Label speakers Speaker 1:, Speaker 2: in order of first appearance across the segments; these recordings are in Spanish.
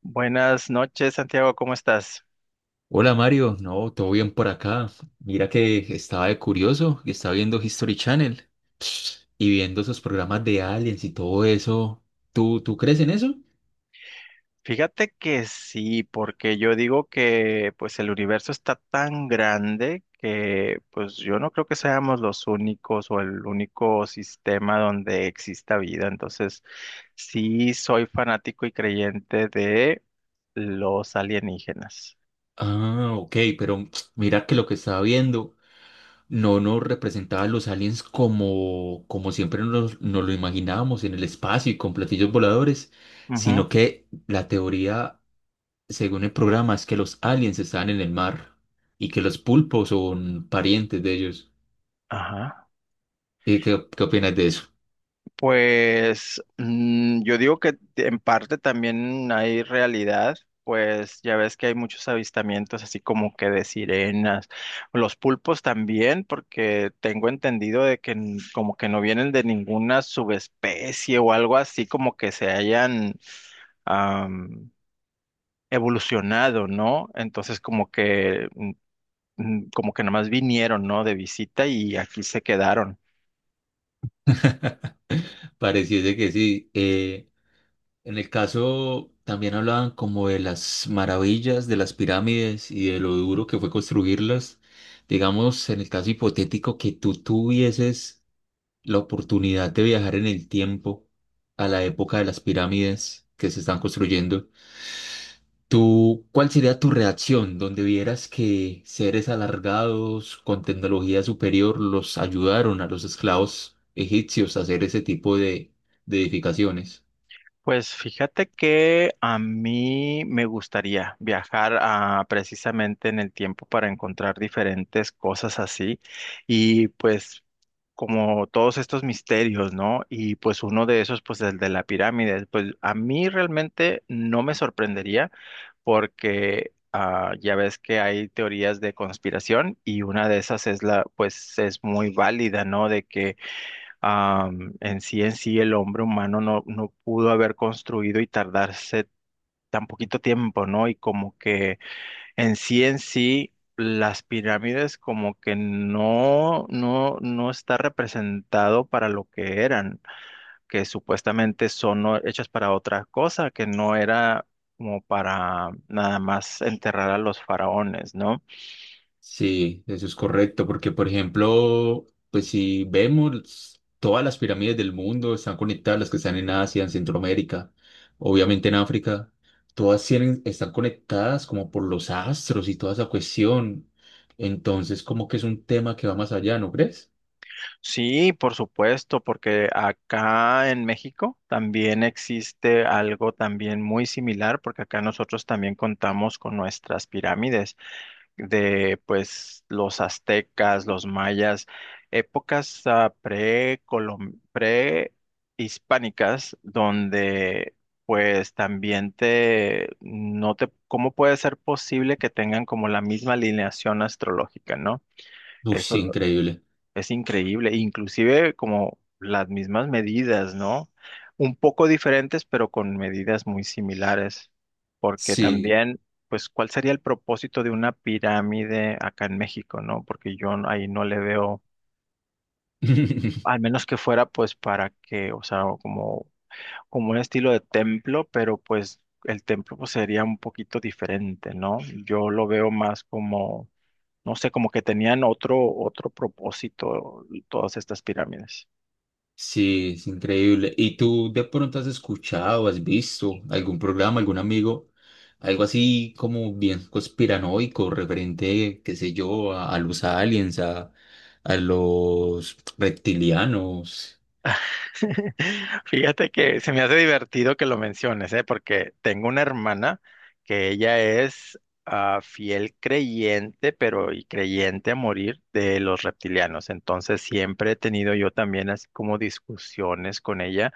Speaker 1: Buenas noches, Santiago, ¿cómo estás?
Speaker 2: Hola Mario, no, todo bien por acá. Mira que estaba de curioso y estaba viendo History Channel y viendo esos programas de aliens y todo eso. ¿Tú crees en eso?
Speaker 1: Fíjate que sí, porque yo digo que pues el universo está tan grande que pues yo no creo que seamos los únicos o el único sistema donde exista vida. Entonces, sí soy fanático y creyente de los alienígenas.
Speaker 2: Ah, ok, pero mira que lo que estaba viendo no nos representaba a los aliens como siempre nos lo imaginábamos en el espacio y con platillos voladores,
Speaker 1: Ujú.
Speaker 2: sino que la teoría, según el programa, es que los aliens estaban en el mar y que los pulpos son parientes de ellos.
Speaker 1: Ajá.
Speaker 2: ¿Y qué opinas de eso?
Speaker 1: Pues yo digo que en parte también hay realidad, pues ya ves que hay muchos avistamientos así como que de sirenas, los pulpos también, porque tengo entendido de que como que no vienen de ninguna subespecie o algo así como que se hayan am, evolucionado, ¿no? Entonces como que como que nada más vinieron, ¿no? De visita y aquí se quedaron.
Speaker 2: Pareciese que sí. En el caso también hablaban como de las maravillas de las pirámides y de lo duro que fue construirlas. Digamos, en el caso hipotético que tú tuvieses la oportunidad de viajar en el tiempo a la época de las pirámides que se están construyendo. ¿Tú, cuál sería tu reacción donde vieras que seres alargados con tecnología superior los ayudaron a los esclavos egipcios a hacer ese tipo de edificaciones?
Speaker 1: Pues fíjate que a mí me gustaría viajar a, precisamente en el tiempo para encontrar diferentes cosas así y pues como todos estos misterios, ¿no? Y pues uno de esos, pues el de la pirámide, pues a mí realmente no me sorprendería porque ya ves que hay teorías de conspiración y una de esas es la, pues es muy válida, ¿no? De que en sí, el hombre humano no pudo haber construido y tardarse tan poquito tiempo, ¿no? Y como que en sí, las pirámides como que no está representado para lo que eran, que supuestamente son, ¿no?, hechas para otra cosa, que no era como para nada más enterrar a los faraones, ¿no?
Speaker 2: Sí, eso es correcto, porque por ejemplo, pues si vemos todas las pirámides del mundo están conectadas, las que están en Asia, en Centroamérica, obviamente en África, todas tienen, están conectadas como por los astros y toda esa cuestión. Entonces, como que es un tema que va más allá, ¿no crees?
Speaker 1: Sí, por supuesto, porque acá en México también existe algo también muy similar, porque acá nosotros también contamos con nuestras pirámides de pues los aztecas, los mayas, épocas prehispánicas donde pues también te no te, ¿cómo puede ser posible que tengan como la misma alineación astrológica?, ¿no?
Speaker 2: Uy, sí,
Speaker 1: Eso
Speaker 2: increíble.
Speaker 1: es increíble, inclusive como las mismas medidas, ¿no? Un poco diferentes, pero con medidas muy similares, porque
Speaker 2: Sí.
Speaker 1: también, pues, ¿cuál sería el propósito de una pirámide acá en México?, ¿no? Porque yo ahí no le veo, al menos que fuera, pues, para que, o sea, como, como un estilo de templo, pero pues el templo pues, sería un poquito diferente, ¿no? Yo lo veo más como, no sé, como que tenían otro, otro propósito todas estas pirámides.
Speaker 2: Sí, es increíble. ¿Y tú de pronto has escuchado, has visto algún programa, algún amigo, algo así como bien conspiranoico, referente, qué sé yo, a los aliens, a los reptilianos?
Speaker 1: Fíjate que se me hace divertido que lo menciones, ¿eh? Porque tengo una hermana que ella es fiel creyente, pero y creyente a morir de los reptilianos. Entonces siempre he tenido yo también así como discusiones con ella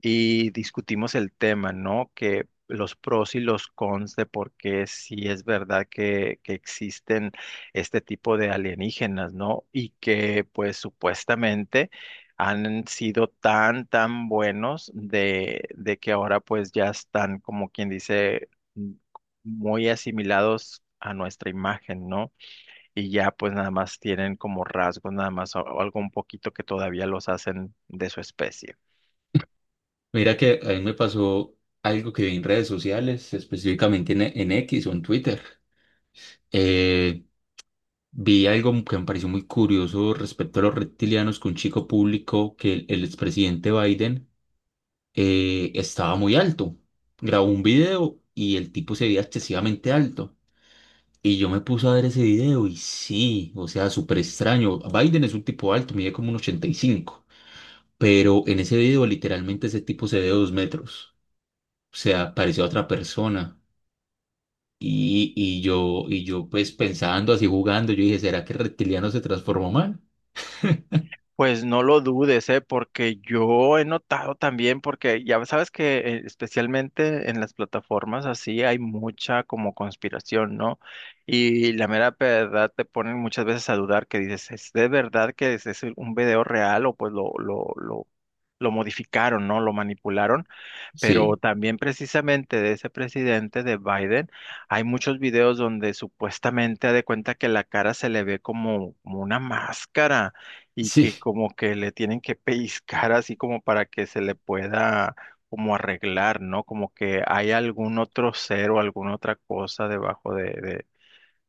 Speaker 1: y discutimos el tema, ¿no? Que los pros y los cons de por qué sí es verdad que existen este tipo de alienígenas, ¿no? Y que pues supuestamente han sido tan, tan buenos de que ahora pues ya están como quien dice m- muy asimilados a nuestra imagen, ¿no? Y ya pues nada más tienen como rasgos, nada más algo un poquito que todavía los hacen de su especie.
Speaker 2: Mira que a mí me pasó algo que vi en redes sociales, específicamente en X o en Twitter. Eh, Vi algo que me pareció muy curioso respecto a los reptilianos, que un chico público que el expresidente Biden estaba muy alto. Grabó un video y el tipo se veía excesivamente alto. Y yo me puse a ver ese video y sí, o sea, súper extraño. Biden es un tipo alto, mide como un 1,85, pero en ese video literalmente ese tipo se ve 2 metros. O sea, parecía otra persona. Y yo pues pensando así jugando, yo dije, ¿será que el reptiliano se transformó mal?
Speaker 1: Pues no lo dudes, ¿eh? Porque yo he notado también, porque ya sabes que especialmente en las plataformas así hay mucha como conspiración, ¿no? Y la mera verdad te ponen muchas veces a dudar que dices, ¿es de verdad que es un video real o pues lo modificaron, ¿no? Lo manipularon. Pero
Speaker 2: Sí,
Speaker 1: también precisamente de ese presidente de Biden, hay muchos videos donde supuestamente ha de cuenta que la cara se le ve como, como una máscara y
Speaker 2: sí,
Speaker 1: que como que le tienen que pellizcar así como para que se le pueda como arreglar, ¿no? Como que hay algún otro ser o alguna otra cosa debajo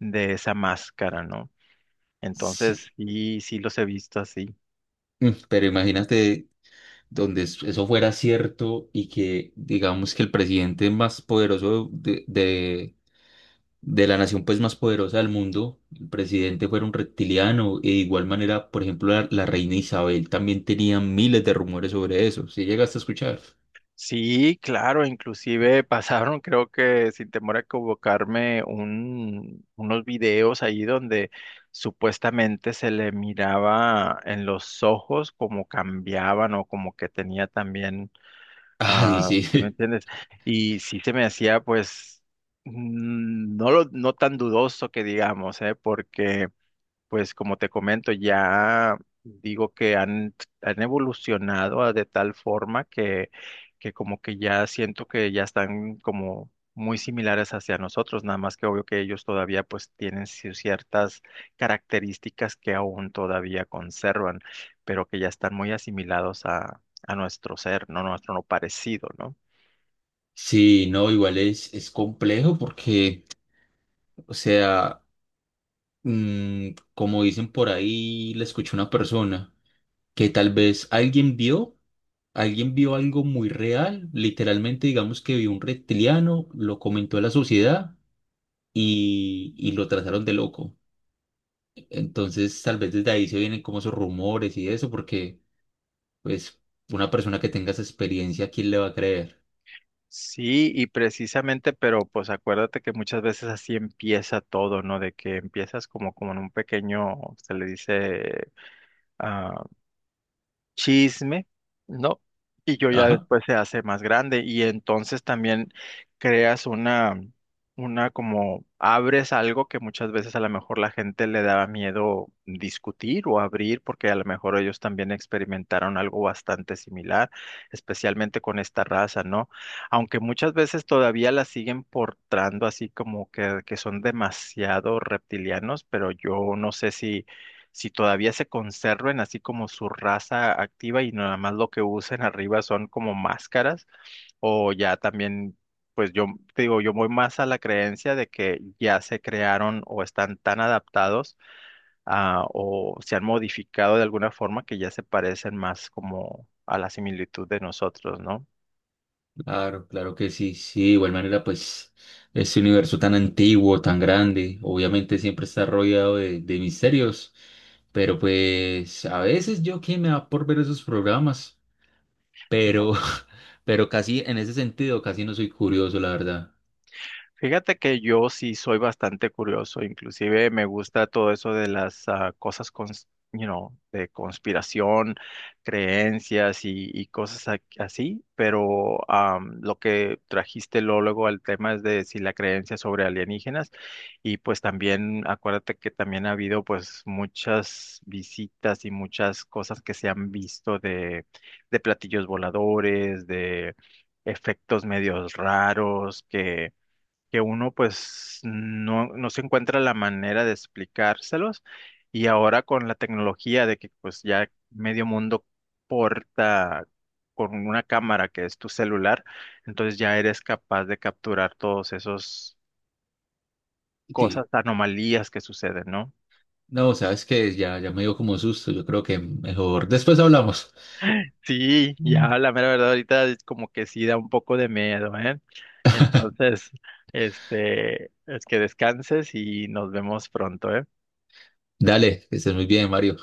Speaker 1: de esa máscara, ¿no? Entonces,
Speaker 2: sí.
Speaker 1: sí, sí los he visto así.
Speaker 2: Pero imagínate donde eso fuera cierto y que digamos que el presidente más poderoso de la nación pues más poderosa del mundo, el presidente fuera un reptiliano y de igual manera, por ejemplo, la reina Isabel también tenía miles de rumores sobre eso. ¿Sí llegaste a escuchar?
Speaker 1: Sí, claro, inclusive pasaron, creo que sin temor a equivocarme, unos videos ahí donde supuestamente se le miraba en los ojos como cambiaban o como que tenía también,
Speaker 2: Ay, sí.
Speaker 1: ¿te me entiendes? Y sí se me hacía pues no, no tan dudoso que digamos, ¿eh? Porque... Pues como te comento, ya digo que han evolucionado de tal forma que como que ya siento que ya están como muy similares hacia nosotros, nada más que obvio que ellos todavía pues tienen ciertas características que aún todavía conservan, pero que ya están muy asimilados a nuestro ser, no nuestro no parecido, ¿no?
Speaker 2: Sí, no, igual es complejo porque, o sea, como dicen por ahí, le escuché a una persona, que tal vez alguien vio algo muy real, literalmente digamos que vio un reptiliano, lo comentó a la sociedad y lo trataron de loco. Entonces tal vez desde ahí se vienen como esos rumores y eso, porque pues una persona que tenga esa experiencia, ¿quién le va a creer?
Speaker 1: Sí, y precisamente, pero pues acuérdate que muchas veces así empieza todo, ¿no? De que empiezas como, como en un pequeño, se le dice, ah, chisme, ¿no? Y yo ya
Speaker 2: Ajá.
Speaker 1: después se hace más grande y entonces también creas una como abres algo que muchas veces a lo mejor la gente le daba miedo discutir o abrir porque a lo mejor ellos también experimentaron algo bastante similar, especialmente con esta raza, ¿no? Aunque muchas veces todavía la siguen portando así como que son demasiado reptilianos, pero yo no sé si todavía se conserven así como su raza activa y nada más lo que usen arriba son como máscaras o ya también, pues yo te digo, yo voy más a la creencia de que ya se crearon o están tan adaptados a, o se han modificado de alguna forma que ya se parecen más como a la similitud de nosotros, ¿no?
Speaker 2: Claro, claro que sí, sí, de igual manera, pues este universo tan antiguo, tan grande, obviamente siempre está rodeado de misterios, pero pues a veces yo que me da por ver esos programas, pero, pero casi en ese sentido, casi no soy curioso, la verdad.
Speaker 1: Fíjate que yo sí soy bastante curioso, inclusive me gusta todo eso de las de conspiración, creencias y así, pero lo que trajiste luego al tema es de si la creencia sobre alienígenas y pues también acuérdate que también ha habido pues muchas visitas y muchas cosas que se han visto de platillos voladores, de efectos medios raros que uno pues no, no se encuentra la manera de explicárselos y ahora con la tecnología de que pues ya medio mundo porta con una cámara que es tu celular, entonces ya eres capaz de capturar todos esos cosas,
Speaker 2: Sí,
Speaker 1: anomalías que suceden, ¿no?
Speaker 2: no, sabes que ya, ya me dio como susto, yo creo que mejor después hablamos.
Speaker 1: Sí, ya
Speaker 2: Mm.
Speaker 1: la mera verdad ahorita es como que sí da un poco de miedo, ¿eh? Entonces, este, es que descanses y nos vemos pronto, ¿eh?
Speaker 2: Dale, que estés muy bien, Mario.